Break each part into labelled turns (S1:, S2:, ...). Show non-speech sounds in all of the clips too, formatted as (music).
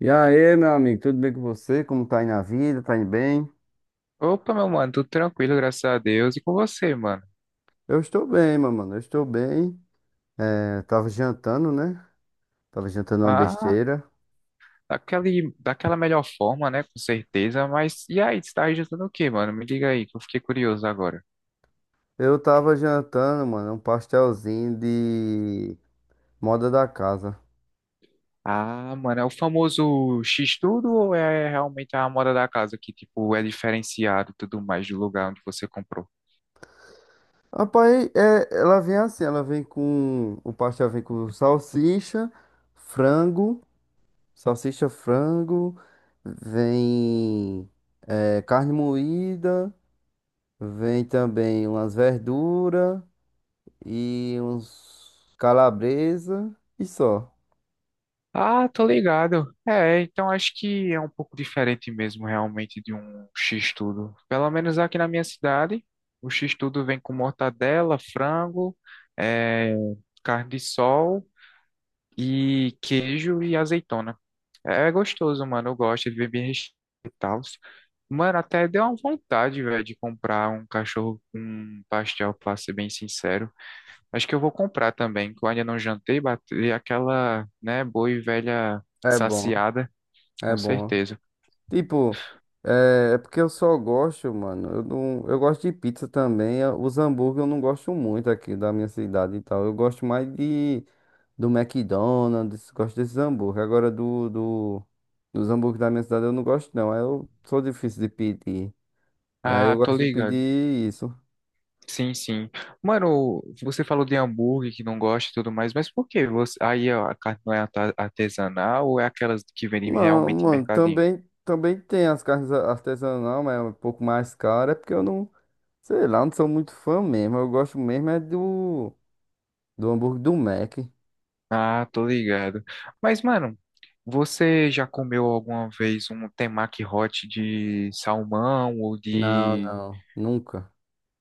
S1: E aí, meu amigo, tudo bem com você? Como tá aí na vida? Tá indo bem?
S2: Opa, meu mano, tudo tranquilo, graças a Deus. E com você, mano?
S1: Eu estou bem, meu mano, eu estou bem. É, tava jantando, né? Tava jantando uma
S2: Ah,
S1: besteira.
S2: daquela melhor forma, né? Com certeza. Mas e aí, você tá registrando o quê, mano? Me diga aí, que eu fiquei curioso agora.
S1: Eu tava jantando, mano, um pastelzinho de moda da casa.
S2: Ah, mano, é o famoso X-Tudo ou é realmente a moda da casa que, tipo, é diferenciado e tudo mais do lugar onde você comprou?
S1: Rapaz, é, ela vem assim, ela vem com... O pastel vem com frango, salsicha, frango, vem é, carne moída, vem também umas verduras e uns calabresa e só.
S2: Ah, tô ligado. É, então acho que é um pouco diferente mesmo, realmente, de um X-tudo. Pelo menos aqui na minha cidade, o X-tudo vem com mortadela, frango, é, carne de sol e queijo e azeitona. É gostoso, mano. Eu gosto, ele vem bem recheado e tal. Mano, até deu uma vontade, velho, de comprar um cachorro com um pastel, pra ser bem sincero. Acho que eu vou comprar também, que eu ainda não jantei, bater aquela, né, boa e velha
S1: É bom,
S2: saciada,
S1: é
S2: com
S1: bom.
S2: certeza.
S1: Tipo, é, porque eu só gosto, mano. Eu não, eu gosto de pizza também. Os hambúrguer eu não gosto muito aqui da minha cidade e tal. Eu gosto mais de do McDonald's, gosto desses hambúrguer. Agora do, do dos hambúrguer da minha cidade eu não gosto não. Aí eu sou difícil de pedir. E aí eu
S2: Ah, tô
S1: gosto de
S2: ligado.
S1: pedir isso.
S2: Sim, sim. Mano, você falou de hambúrguer que não gosta e tudo mais, mas por que você... aí ó, a carne não é artesanal ou é aquelas que vendem
S1: Não,
S2: realmente em
S1: mano,
S2: mercadinho?
S1: também tem as carnes artesanais, mas é um pouco mais cara, é porque eu não, sei lá, não sou muito fã mesmo. Eu gosto mesmo é do hambúrguer do Mac.
S2: Ah, tô ligado. Mas, mano, você já comeu alguma vez um temaki hot de salmão ou
S1: Não,
S2: de...
S1: não, nunca.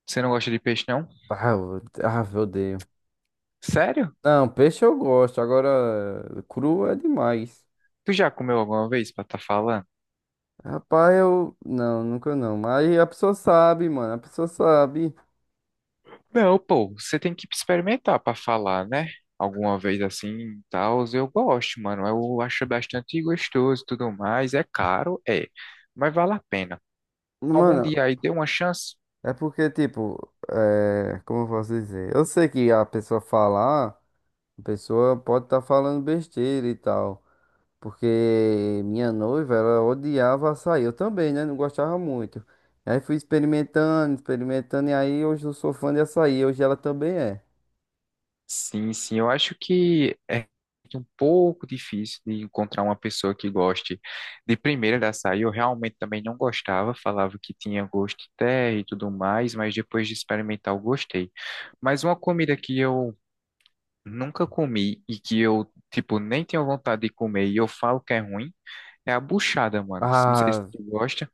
S2: Você não gosta de peixe, não?
S1: Ah, eu, ah, eu odeio.
S2: Sério?
S1: Não, peixe eu gosto, agora cru é demais.
S2: Tu já comeu alguma vez pra tá falando?
S1: Rapaz, eu. Não, nunca não. Mas a pessoa sabe, mano, a pessoa sabe.
S2: Não, pô, você tem que experimentar pra falar, né? Alguma vez assim, e tal, eu gosto, mano. Eu acho bastante gostoso e tudo mais. É caro, é, mas vale a pena. Algum
S1: Mano,
S2: dia aí deu uma chance?
S1: é porque, tipo, é, como eu posso dizer? Eu sei que a pessoa falar. A pessoa pode estar falando besteira e tal. Porque minha noiva, ela odiava açaí. Eu também, né? Não gostava muito. Aí fui experimentando, experimentando. E aí hoje eu sou fã de açaí. Hoje ela também é.
S2: Sim, sim, eu acho que é um pouco difícil de encontrar uma pessoa que goste de primeira da açaí. Eu realmente também não gostava, falava que tinha gosto de terra e tudo mais, mas depois de experimentar eu gostei. Mas uma comida que eu nunca comi e que eu, tipo, nem tenho vontade de comer e eu falo que é ruim, é a buchada, mano. Não sei se
S1: Ah,
S2: tu gosta.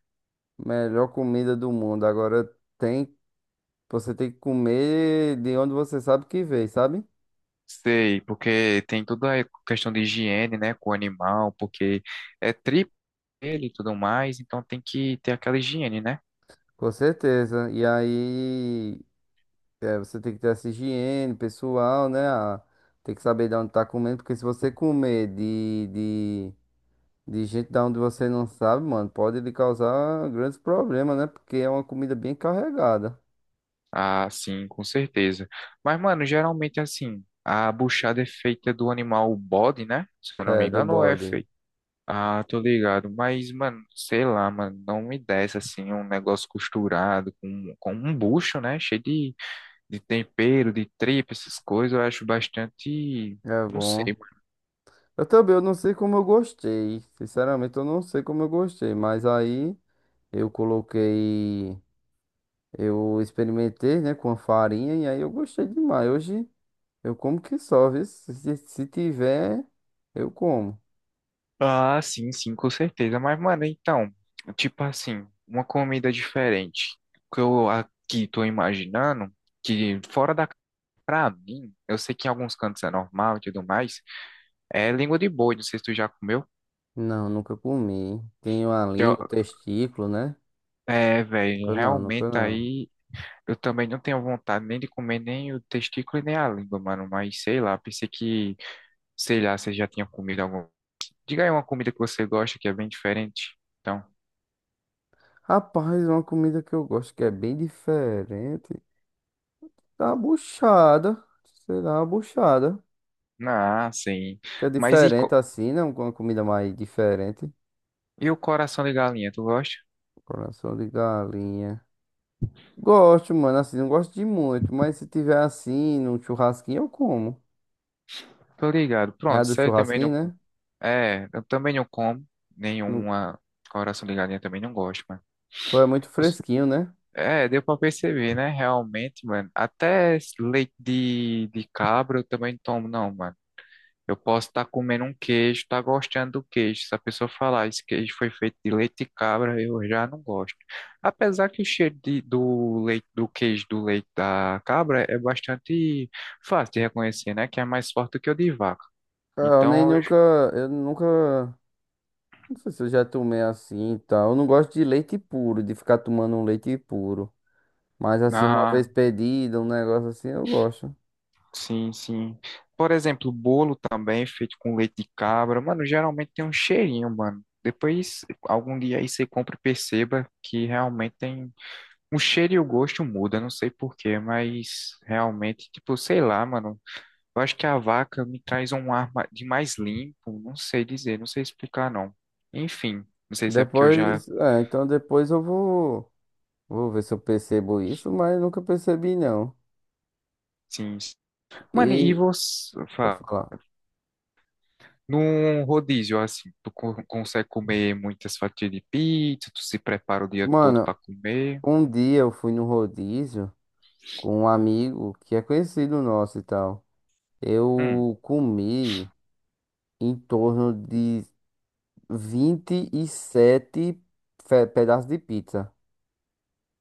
S1: melhor comida do mundo. Agora tem, você tem que comer de onde você sabe que veio, sabe?
S2: Sei, porque tem toda a questão de higiene, né, com o animal, porque é tripa ele e tudo mais, então tem que ter aquela higiene, né?
S1: Com certeza. E aí, é, você tem que ter essa higiene pessoal, né? Tem que saber de onde tá comendo. Porque se você comer de de gente da onde você não sabe, mano, pode lhe causar grandes problemas, né? Porque é uma comida bem carregada.
S2: Ah, sim, com certeza. Mas, mano, geralmente assim, a buchada é feita do animal bode, né? Se eu não me
S1: É, do
S2: engano, ou é
S1: bode.
S2: feita. Ah, tô ligado. Mas, mano, sei lá, mano, não me desce assim um negócio costurado com, um bucho, né? Cheio de tempero, de tripa, essas coisas. Eu acho bastante.
S1: É
S2: Não
S1: bom.
S2: sei, mano.
S1: Eu também, eu não sei como eu gostei. Sinceramente, eu não sei como eu gostei. Mas aí eu coloquei. Eu experimentei, né, com a farinha e aí eu gostei demais. Hoje eu como que só, viu? Se tiver, eu como.
S2: Ah, sim, sim, com certeza. Mas, mano, então, tipo assim, uma comida diferente. O que eu aqui tô imaginando, que fora da. Pra mim, eu sei que em alguns cantos é normal e tudo mais. É língua de boi, não sei se tu já comeu.
S1: Não, nunca comi. Tenho a
S2: Já-
S1: língua, o testículo, né?
S2: É, velho,
S1: Nunca não, nunca
S2: realmente
S1: não.
S2: aí. Eu também não tenho vontade nem de comer nem o testículo e nem a língua, mano. Mas sei lá, pensei que, sei lá, você já tinha comido alguma. Diga aí uma comida que você gosta que é bem diferente. Então,
S1: Rapaz, uma comida que eu gosto que é bem diferente. Tá buchada. Sei lá, a buchada.
S2: ah, sim.
S1: Que é
S2: Mas e,
S1: diferente assim, né? Uma comida mais diferente.
S2: e o coração de galinha, tu gosta?
S1: Coração de galinha. Gosto, mano, assim, não gosto de muito, mas se tiver assim, num churrasquinho, eu como.
S2: Tô ligado.
S1: Né? A
S2: Pronto,
S1: do
S2: você também
S1: churrasquinho,
S2: não.
S1: né?
S2: É, eu também não como
S1: No-
S2: nenhuma coração de galinha, também não gosto, mano.
S1: Tu é muito
S2: Eu s-
S1: fresquinho, né?
S2: É, deu pra perceber, né? Realmente, mano. Até leite de cabra eu também não tomo, não, mano. Eu posso estar comendo um queijo, estar gostando do queijo. Se a pessoa falar, esse queijo foi feito de leite de cabra, eu já não gosto. Apesar que o cheiro do leite, do queijo do leite da cabra é bastante fácil de reconhecer, né? Que é mais forte do que o de vaca.
S1: Cara, eu nem
S2: Então,
S1: nunca. Eu nunca. Não sei se eu já tomei assim e tal. Eu não gosto de leite puro, de ficar tomando um leite puro. Mas assim, uma vez
S2: ah,
S1: pedido, um negócio assim, eu gosto.
S2: sim, sim. Por exemplo, bolo também é feito com leite de cabra, mano, geralmente tem um cheirinho, mano. Depois, algum dia aí você compra e perceba que realmente tem. O cheiro e o gosto muda, não sei por quê, mas realmente, tipo, sei lá, mano. Eu acho que a vaca me traz um ar de mais limpo, não sei dizer, não sei explicar, não. Enfim, não sei se é porque eu já,
S1: Depois, é, então depois vou ver se eu percebo isso, mas nunca percebi não.
S2: sim. Mano, e
S1: E,
S2: você,
S1: pode falar.
S2: num rodízio, assim, tu consegue comer muitas fatias de pizza, tu se prepara o dia todo
S1: Mano,
S2: pra comer.
S1: um dia eu fui no rodízio com um amigo que é conhecido nosso e tal.
S2: Hum.
S1: Eu comi em torno de 27 pedaços de pizza.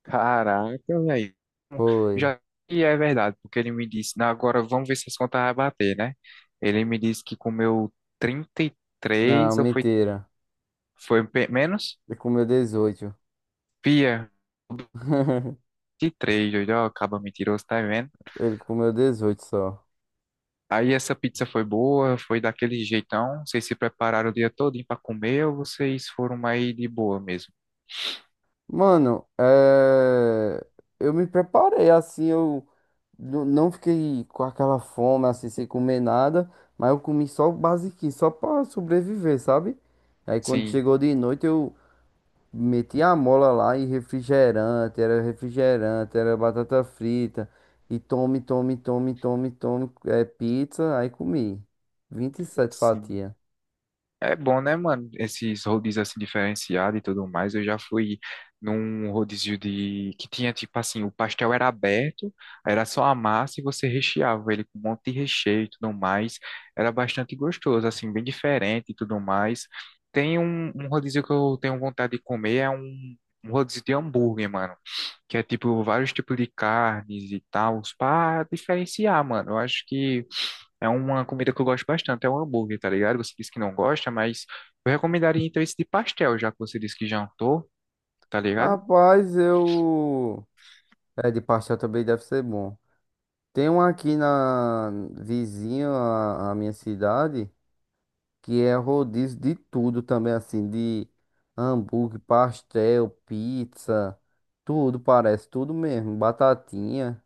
S2: Caraca, velho.
S1: Foi.
S2: Já que é verdade, porque ele me disse, "Não, agora vamos ver se as contas vai bater, né? Ele me disse que comeu trinta e
S1: Não,
S2: três ou foi,
S1: mentira.
S2: foi pe- menos?
S1: Ele comeu 18
S2: Pia,
S1: (laughs)
S2: 23, doido, ó, acaba mentiroso, tá vendo?
S1: Ele comeu 18 só.
S2: Aí essa pizza foi boa, foi daquele jeitão. Vocês se prepararam o dia todo para comer ou vocês foram mais de boa mesmo?
S1: Mano, é... eu me preparei assim, eu não fiquei com aquela fome assim, sem comer nada, mas eu comi só o basiquinho, só pra sobreviver, sabe? Aí quando
S2: Sim,
S1: chegou de noite eu meti a mola lá e refrigerante, era batata frita, e tome, tome, tome, tome, tome, é, pizza, aí comi 27
S2: sim.
S1: fatias.
S2: É bom, né, mano? Esses rodízios assim diferenciados e tudo mais. Eu já fui num rodízio de que tinha tipo assim, o pastel era aberto, era só a massa e você recheava ele com um monte de recheio e tudo mais. Era bastante gostoso, assim, bem diferente e tudo mais. Tem um, um, rodízio que eu tenho vontade de comer, é um rodízio de hambúrguer, mano, que é tipo vários tipos de carnes e tal, pra diferenciar, mano. Eu acho que é uma comida que eu gosto bastante, é um hambúrguer, tá ligado? Você disse que não gosta, mas eu recomendaria então esse de pastel, já que você disse que jantou, tá ligado?
S1: Rapaz, eu... É, de pastel também deve ser bom. Tem um aqui na vizinha à minha cidade que é rodízio de tudo também, assim, de hambúrguer, pastel, pizza, tudo parece, tudo mesmo, batatinha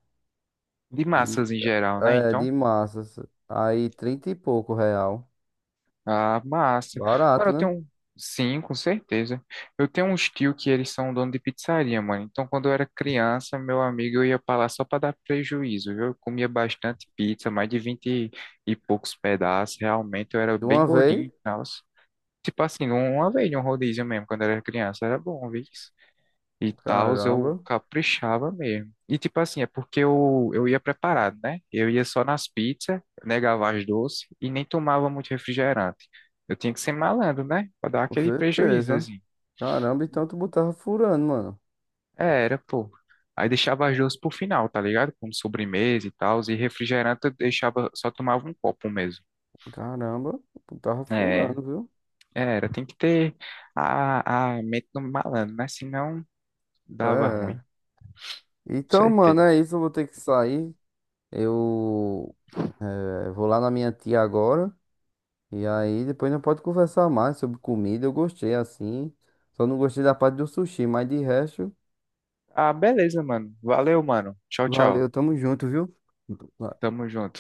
S2: De
S1: e
S2: massas em geral, né?
S1: é
S2: Então,
S1: de massas. Aí 30 e pouco real.
S2: a massa. Agora
S1: Barato,
S2: eu
S1: né?
S2: tenho. Sim, com certeza. Eu tenho uns tio que eles são dono de pizzaria, mano. Então, quando eu era criança, meu amigo, eu ia pra lá só pra dar prejuízo, viu? Eu comia bastante pizza, mais de 20 e poucos pedaços. Realmente, eu era
S1: De
S2: bem
S1: uma
S2: gordinho
S1: vez?
S2: e tipo assim, uma vez, um rodízio mesmo, quando eu era criança, era bom, viu? E tal, eu
S1: Caramba,
S2: caprichava mesmo. E tipo assim, é porque eu, ia preparado, né? Eu ia só nas pizzas, negava as doces e nem tomava muito refrigerante. Eu tinha que ser malandro, né? Pra dar
S1: com
S2: aquele prejuízo,
S1: certeza.
S2: assim.
S1: Caramba, então tu botava furando, mano.
S2: É, era, pô. Aí deixava as doces pro final, tá ligado? Como sobremesa e tal, e refrigerante eu deixava, só tomava um copo mesmo.
S1: Caramba, tu tava
S2: É,
S1: furando, viu?
S2: é, era, tem que ter a, mente do malandro, né? Senão dava ruim,
S1: É.
S2: com
S1: Então, mano,
S2: certeza.
S1: é isso. Eu vou ter que sair. Eu vou lá na minha tia agora. E aí depois não pode conversar mais sobre comida. Eu gostei assim. Só não gostei da parte do sushi, mas de resto,
S2: Ah, beleza, mano. Valeu, mano. Tchau, tchau.
S1: valeu, tamo junto, viu?
S2: Tamo junto.